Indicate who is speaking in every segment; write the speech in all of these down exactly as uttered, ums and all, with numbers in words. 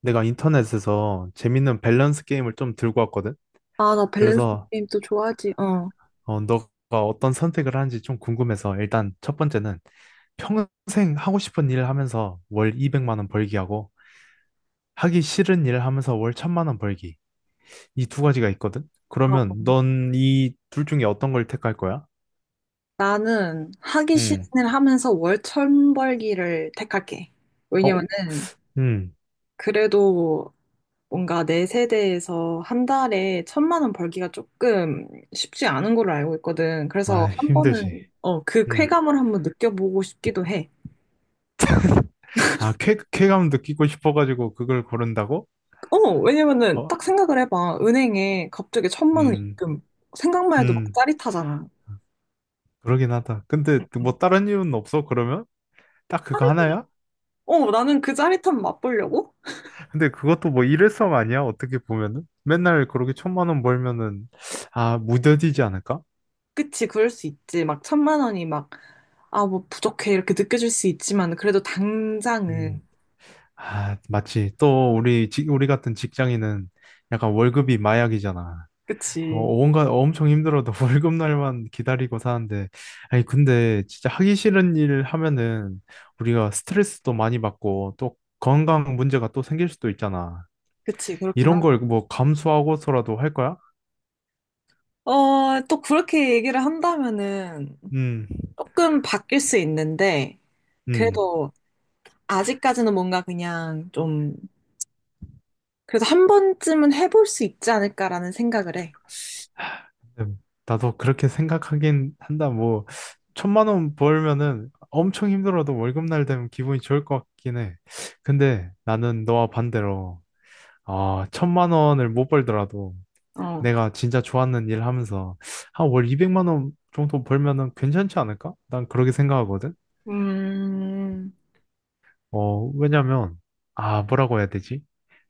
Speaker 1: 내가 인터넷에서 재밌는 밸런스 게임을 좀 들고 왔거든.
Speaker 2: 아, 나 밸런스
Speaker 1: 그래서
Speaker 2: 게임 또 좋아하지. 어.
Speaker 1: 어, 너가 어떤 선택을 하는지 좀 궁금해서 일단 첫 번째는 평생 하고 싶은 일 하면서 월 이백만 원 벌기 하고 하기 싫은 일 하면서 월 천만 원 벌기. 이 두 가지가 있거든.
Speaker 2: 어,
Speaker 1: 그러면 넌 이 둘 중에 어떤 걸 택할 거야?
Speaker 2: 나는 하기 싫은
Speaker 1: 음.
Speaker 2: 일 하면서 월천 벌기를 택할게.
Speaker 1: 어?
Speaker 2: 왜냐면은
Speaker 1: 음.
Speaker 2: 그래도 뭔가 내 세대에서 한 달에 천만 원 벌기가 조금 쉽지 않은 걸로 알고 있거든. 그래서
Speaker 1: 아,
Speaker 2: 한
Speaker 1: 힘들지.
Speaker 2: 번은 어, 그
Speaker 1: 음.
Speaker 2: 쾌감을 한번 느껴보고 싶기도 해.
Speaker 1: 아, 쾌, 쾌감 느끼고 싶어가지고 그걸 고른다고?
Speaker 2: 어, 왜냐면은
Speaker 1: 어?
Speaker 2: 딱 생각을 해봐. 은행에 갑자기 천만 원
Speaker 1: 음.
Speaker 2: 입금. 생각만 해도 막
Speaker 1: 음.
Speaker 2: 짜릿하잖아.
Speaker 1: 그러긴 하다. 근데 그 뭐 다른 이유는 없어, 그러면? 딱 그거
Speaker 2: 짜릿해.
Speaker 1: 하나야?
Speaker 2: 어, 나는 그 짜릿함 맛보려고?
Speaker 1: 근데 그것도 뭐 일회성 아니야? 어떻게 보면은? 맨날 그렇게 천만 원 벌면은, 아, 무뎌지지 않을까?
Speaker 2: 그치, 그럴 수 있지. 막 천만 원이 막, 아, 뭐 부족해. 이렇게 느껴질 수 있지만, 그래도
Speaker 1: 음,
Speaker 2: 당장은.
Speaker 1: 아, 맞지. 또 우리, 직- 우리 같은 직장인은 약간 월급이 마약이잖아. 어,
Speaker 2: 그치.
Speaker 1: 뭔가 엄청 힘들어도 월급 날만 기다리고 사는데, 아니, 근데 진짜 하기 싫은 일 하면은 우리가 스트레스도 많이 받고 또 건강 문제가 또 생길 수도 있잖아.
Speaker 2: 그치, 그렇긴
Speaker 1: 이런
Speaker 2: 하다.
Speaker 1: 걸 뭐 감수하고서라도 할 거야?
Speaker 2: 어, 또 그렇게 얘기를 한다면은
Speaker 1: 음,
Speaker 2: 조금 바뀔 수 있는데,
Speaker 1: 음.
Speaker 2: 그래도 아직까지는 뭔가 그냥 좀, 그래도 한 번쯤은 해볼 수 있지 않을까라는 생각을 해.
Speaker 1: 음, 나도 그렇게 생각하긴 한다. 뭐, 천만 원 벌면은 엄청 힘들어도 월급날 되면 기분이 좋을 것 같긴 해. 근데 나는 너와 반대로, 아, 천만 원을 못 벌더라도
Speaker 2: 어.
Speaker 1: 내가 진짜 좋아하는 일 하면서, 아, 월 이백만 원 정도 벌면은 괜찮지 않을까? 난 그렇게 생각하거든.
Speaker 2: 음,
Speaker 1: 어, 왜냐면, 아, 뭐라고 해야 되지?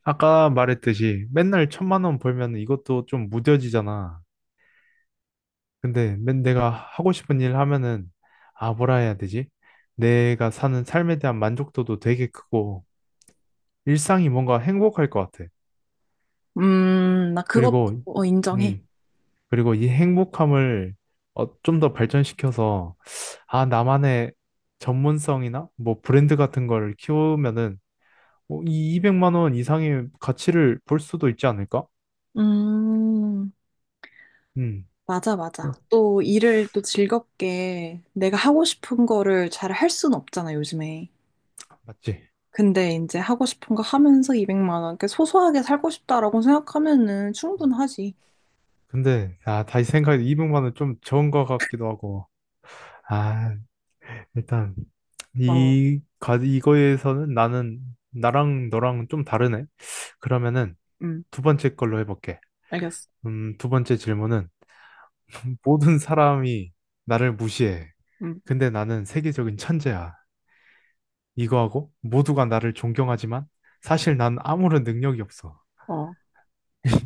Speaker 1: 아까 말했듯이 맨날 천만 원 벌면 이것도 좀 무뎌지잖아. 근데 맨 내가 하고 싶은 일 하면은 아 뭐라 해야 되지? 내가 사는 삶에 대한 만족도도 되게 크고 일상이 뭔가 행복할 것 같아.
Speaker 2: 음, 나 그것도
Speaker 1: 그리고
Speaker 2: 어, 인정해.
Speaker 1: 음 그리고 이 행복함을 어, 좀더 발전시켜서 아 나만의 전문성이나 뭐 브랜드 같은 걸 키우면은 뭐이 이백만 원 이상의 가치를 볼 수도 있지 않을까?
Speaker 2: 음.
Speaker 1: 음
Speaker 2: 맞아, 맞아.
Speaker 1: 어,
Speaker 2: 또 일을 또 즐겁게 내가 하고 싶은 거를 잘 할 수는 없잖아, 요즘에.
Speaker 1: 맞지?
Speaker 2: 근데 이제 하고 싶은 거 하면서 이백만 원, 이렇게 소소하게 살고 싶다라고 생각하면은
Speaker 1: 음.
Speaker 2: 충분하지.
Speaker 1: 근데 아 다시 생각해 이백만 원 좀 적은 것 같기도 하고. 아, 일단
Speaker 2: 어,
Speaker 1: 이 가, 이거에서는 나는 나랑 너랑 좀 다르네. 그러면은
Speaker 2: 음,
Speaker 1: 두 번째 걸로 해볼게.
Speaker 2: 알겠어.
Speaker 1: 음, 두 번째 질문은 모든 사람이 나를 무시해.
Speaker 2: 음,
Speaker 1: 근데 나는 세계적인 천재야. 이거하고 모두가 나를 존경하지만 사실 난 아무런 능력이 없어.
Speaker 2: 어,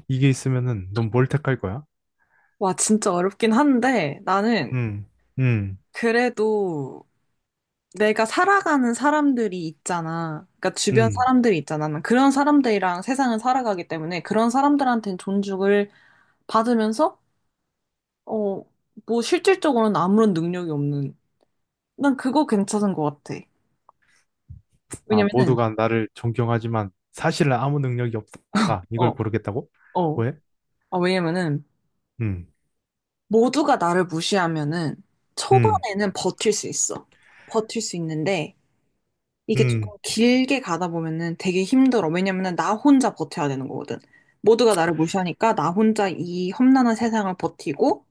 Speaker 1: 이게 있으면은 넌 뭘 택할 거야?
Speaker 2: 와, 진짜 어렵긴 한데 나는
Speaker 1: 음, 음,
Speaker 2: 그래도 내가 살아가는 사람들이 있잖아. 그러니까 주변
Speaker 1: 음.
Speaker 2: 사람들이 있잖아. 난 그런 사람들이랑 세상을 살아가기 때문에 그런 사람들한테는 존중을 받으면서 어, 뭐 실질적으로는 아무런 능력이 없는. 난 그거 괜찮은 것 같아.
Speaker 1: 아,
Speaker 2: 왜냐면은,
Speaker 1: 모두가 나를 존경하지만 사실은 아무 능력이 없다. 이걸
Speaker 2: 어,
Speaker 1: 고르겠다고?
Speaker 2: 어,
Speaker 1: 왜?
Speaker 2: 아, 왜냐면은,
Speaker 1: 음,
Speaker 2: 모두가 나를 무시하면은,
Speaker 1: 음,
Speaker 2: 초반에는 버틸 수 있어. 버틸 수 있는데, 이게
Speaker 1: 음.
Speaker 2: 조금 길게 가다 보면은 되게 힘들어. 왜냐면은 나 혼자 버텨야 되는 거거든. 모두가 나를 무시하니까 나 혼자 이 험난한 세상을 버티고,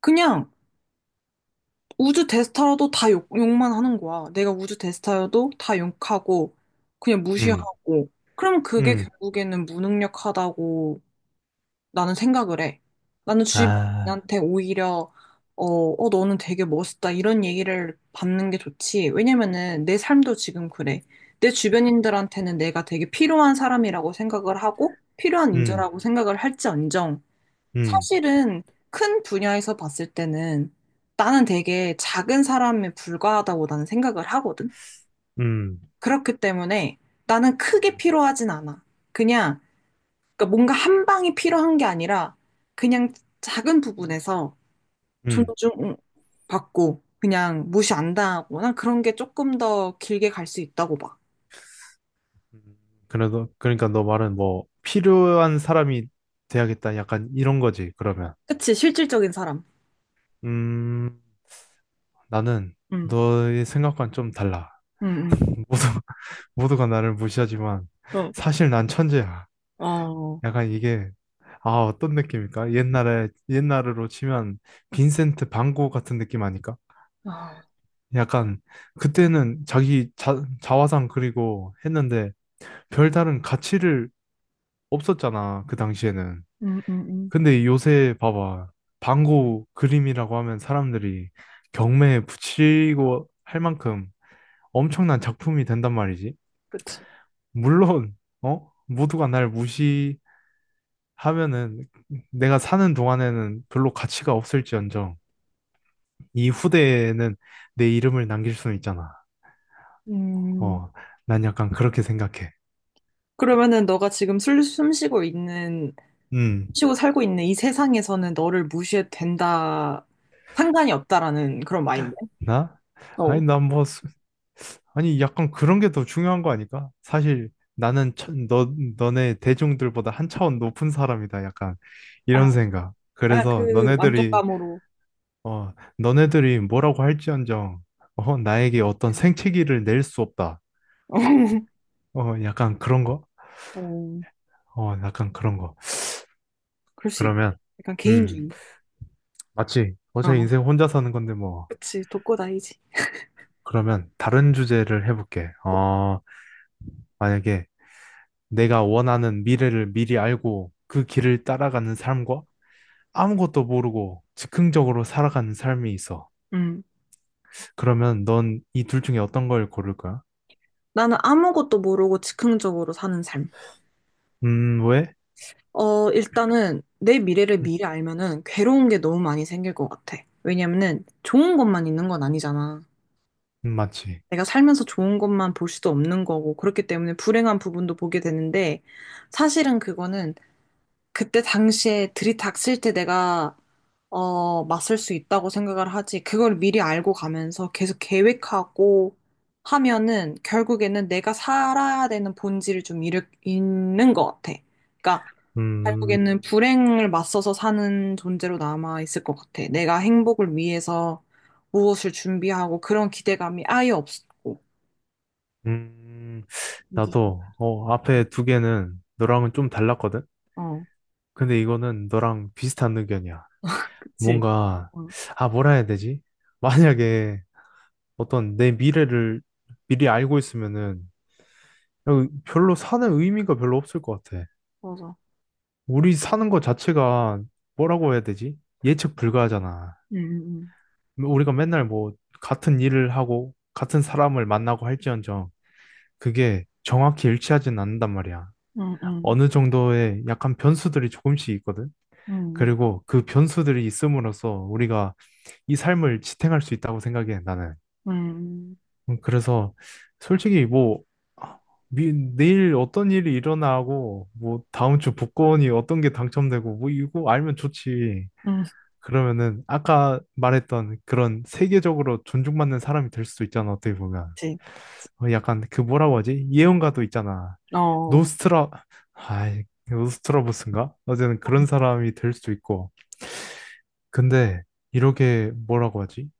Speaker 2: 그냥 우주 대스타라도 다 욕, 욕만 하는 거야. 내가 우주 대스타여도 다 욕하고, 그냥
Speaker 1: 음,
Speaker 2: 무시하고. 그럼 그게
Speaker 1: 음,
Speaker 2: 결국에는 무능력하다고 나는 생각을 해. 나는
Speaker 1: 아,
Speaker 2: 주변인한테 오히려, 어, 어, 너는 되게 멋있다. 이런 얘기를 받는 게 좋지. 왜냐면은 내 삶도 지금 그래. 내 주변인들한테는 내가 되게 필요한 사람이라고 생각을 하고, 필요한
Speaker 1: 음,
Speaker 2: 인재라고 생각을 할지언정.
Speaker 1: 음,
Speaker 2: 사실은 큰 분야에서 봤을 때는 나는 되게 작은 사람에 불과하다고 나는 생각을 하거든.
Speaker 1: 음,
Speaker 2: 그렇기 때문에 나는 크게
Speaker 1: 음,
Speaker 2: 필요하진 않아. 그냥 그러니까 뭔가 한 방이 필요한 게 아니라 그냥 작은 부분에서
Speaker 1: 음.
Speaker 2: 존중받고 그냥 무시 안 당하거나 그런 게 조금 더 길게 갈 수 있다고 봐.
Speaker 1: 그래도, 그러니까 너 말은 뭐, 필요한 사람이 돼야겠다. 약간 이런 거지, 그러면.
Speaker 2: 그치, 실질적인 사람.
Speaker 1: 음, 나는
Speaker 2: 응,
Speaker 1: 너의 생각과는 좀 달라.
Speaker 2: 응,
Speaker 1: 모두, 모두가 나를 무시하지만,
Speaker 2: 응.
Speaker 1: 사실 난 천재야.
Speaker 2: 어, 어,
Speaker 1: 약간 이게, 아, 어떤 느낌일까? 옛날에, 옛날으로 치면, 빈센트 반 고흐 같은 느낌 아닐까?
Speaker 2: 아,
Speaker 1: 약간, 그때는 자기 자, 자화상 그리고 했는데, 별다른 가치를 없었잖아, 그 당시에는.
Speaker 2: 응, 응, 응.
Speaker 1: 근데 요새 봐봐. 방구 그림이라고 하면 사람들이 경매에 붙이고 할 만큼 엄청난 작품이 된단 말이지.
Speaker 2: 그치.
Speaker 1: 물론, 어? 모두가 날 무시하면은 내가 사는 동안에는 별로 가치가 없을지언정 이 후대에는 내 이름을 남길 수는 있잖아.
Speaker 2: 음.
Speaker 1: 어, 난 약간 그렇게 생각해.
Speaker 2: 그러면은 너가 지금 숨, 숨 쉬고 있는,
Speaker 1: 음,
Speaker 2: 쉬고 살고 있는 이 세상에서는 너를 무시해도 된다, 상관이 없다라는 그런 마인드.
Speaker 1: 나? 아니,
Speaker 2: 어.
Speaker 1: 난뭐 아니, 약간 그런 게 더 중요한 거 아닐까? 사실 나는 처- 너, 너네 대중들보다 한 차원 높은 사람이다. 약간
Speaker 2: 아,
Speaker 1: 이런 생각.
Speaker 2: 약간
Speaker 1: 그래서
Speaker 2: 그
Speaker 1: 너네들이,
Speaker 2: 만족감으로.
Speaker 1: 어, 너네들이 뭐라고 할지언정, 어, 나에게 어떤 생채기를 낼 수 없다. 어, 약간 그런 거?
Speaker 2: 어,
Speaker 1: 어, 약간 그런 거.
Speaker 2: 그럴 수 있지.
Speaker 1: 그러면,
Speaker 2: 약간
Speaker 1: 음,
Speaker 2: 개인주의.
Speaker 1: 맞지. 어차피
Speaker 2: 어,
Speaker 1: 인생 혼자 사는 건데 뭐.
Speaker 2: 그치. 독고다이지.
Speaker 1: 그러면 다른 주제를 해볼게.
Speaker 2: 어,
Speaker 1: 어, 만약에 내가 원하는 미래를 미리 알고 그 길을 따라가는 삶과 아무것도 모르고 즉흥적으로 살아가는 삶이 있어.
Speaker 2: 음.
Speaker 1: 그러면 넌 이 둘 중에 어떤 걸 고를 거야?
Speaker 2: 나는 아무것도 모르고 즉흥적으로 사는 삶.
Speaker 1: 음, 왜?
Speaker 2: 어, 일단은 내 미래를
Speaker 1: 음,
Speaker 2: 미리 알면은 괴로운 게 너무 많이 생길 것 같아. 왜냐면은 좋은 것만 있는 건 아니잖아.
Speaker 1: 음, 맞지.
Speaker 2: 내가 살면서 좋은 것만 볼 수도 없는 거고, 그렇기 때문에 불행한 부분도 보게 되는데, 사실은 그거는 그때 당시에 들이닥칠 때 내가, 어, 맞설 수 있다고 생각을 하지, 그걸 미리 알고 가면서 계속 계획하고 하면은, 결국에는 내가 살아야 되는 본질을 좀 잃, 잃는 것 같아. 그러니까,
Speaker 1: 음,
Speaker 2: 결국에는 불행을 맞서서 사는 존재로 남아 있을 것 같아. 내가 행복을 위해서 무엇을 준비하고, 그런 기대감이 아예 없고.
Speaker 1: 음, 나도, 어, 앞에 두 개는 너랑은 좀 달랐거든?
Speaker 2: 어,
Speaker 1: 근데 이거는 너랑 비슷한 의견이야.
Speaker 2: 그치.
Speaker 1: 뭔가,
Speaker 2: 어
Speaker 1: 아, 뭐라 해야 되지? 만약에 어떤 내 미래를 미리 알고 있으면은 어, 별로 사는 의미가 별로 없을 것 같아.
Speaker 2: 맞아.
Speaker 1: 우리 사는 것 자체가 뭐라고 해야 되지? 예측 불가하잖아.
Speaker 2: 응, 응,
Speaker 1: 뭐 우리가 맨날 뭐 같은 일을 하고 같은 사람을 만나고 할지언정 그게 정확히 일치하진 않는단 말이야.
Speaker 2: 응, 응,
Speaker 1: 어느 정도의 약간 변수들이 조금씩 있거든.
Speaker 2: 응,
Speaker 1: 그리고 그 변수들이 있음으로써 우리가 이 삶을 지탱할 수 있다고 생각해, 나는.
Speaker 2: 응, 응,
Speaker 1: 음, 그래서 솔직히 뭐 아, 미- 내일 어떤 일이 일어나고 뭐 다음 주 복권이 어떤 게 당첨되고 뭐 이거 알면 좋지.
Speaker 2: 응,
Speaker 1: 그러면은 아까 말했던 그런 세계적으로 존중받는 사람이 될 수도 있잖아, 어떻게 보면.
Speaker 2: 그치.
Speaker 1: 어, 약간 그 뭐라고 하지, 예언가도 있잖아.
Speaker 2: 어,
Speaker 1: 노스트라 아이 노스트라보스인가 어쨌든 그런 사람이 될 수도 있고. 근데 이렇게 뭐라고 하지,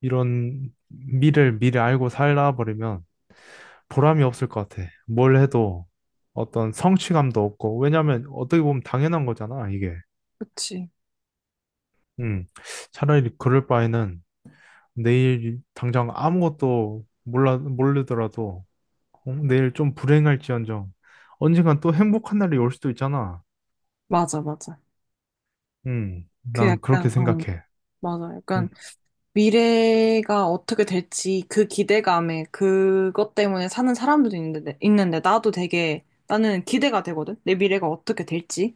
Speaker 1: 이런 미를 미리 알고 살다 버리면 보람이 없을 것 같아, 뭘 해도. 어떤 성취감도 없고, 왜냐면 어떻게 보면 당연한 거잖아 이게.
Speaker 2: 그치.
Speaker 1: 음, 차라리 그럴 바에는 내일 당장 아무것도 몰라, 모르더라도 어, 내일 좀 불행할지언정 언젠간 또 행복한 날이 올 수도 있잖아.
Speaker 2: 맞아, 맞아.
Speaker 1: 음,
Speaker 2: 그
Speaker 1: 난 그렇게
Speaker 2: 약간, 어,
Speaker 1: 생각해.
Speaker 2: 맞아. 약간
Speaker 1: 음,
Speaker 2: 미래가 어떻게 될지 그 기대감에 그것 때문에 사는 사람들도 있는데, 있는데 나도 되게, 나는 기대가 되거든? 내 미래가 어떻게 될지.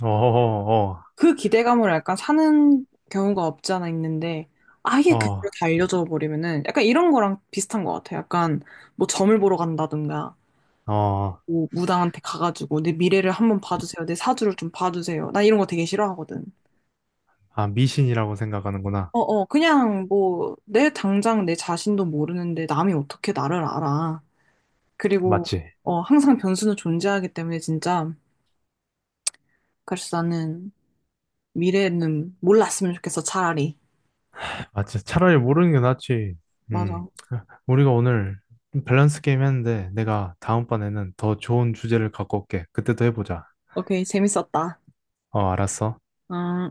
Speaker 1: 어, 어,
Speaker 2: 그 기대감을 약간 사는 경우가 없지 않아 있는데 아예
Speaker 1: 어,
Speaker 2: 그거를 다 알려줘 버리면은 약간 이런 거랑 비슷한 것 같아요. 약간 뭐 점을 보러 간다든가
Speaker 1: 어, 어,
Speaker 2: 뭐 무당한테 가가지고 내 미래를 한번 봐주세요. 내 사주를 좀 봐주세요. 나 이런 거 되게 싫어하거든.
Speaker 1: 아, 미신이라고 생각하는구나.
Speaker 2: 어어 그냥 뭐 내 당장 내 자신도 모르는데 남이 어떻게 나를 알아. 그리고
Speaker 1: 맞지?
Speaker 2: 어 항상 변수는 존재하기 때문에 진짜 그래서 나는 미래는 몰랐으면 좋겠어 차라리.
Speaker 1: 맞지. 차라리 모르는 게 낫지. 음,
Speaker 2: 맞아.
Speaker 1: 우리가 오늘 밸런스 게임 했는데 내가 다음번에는 더 좋은 주제를 갖고 올게. 그때 또 해보자.
Speaker 2: 오케이 재밌었다.
Speaker 1: 어, 알았어.
Speaker 2: 음.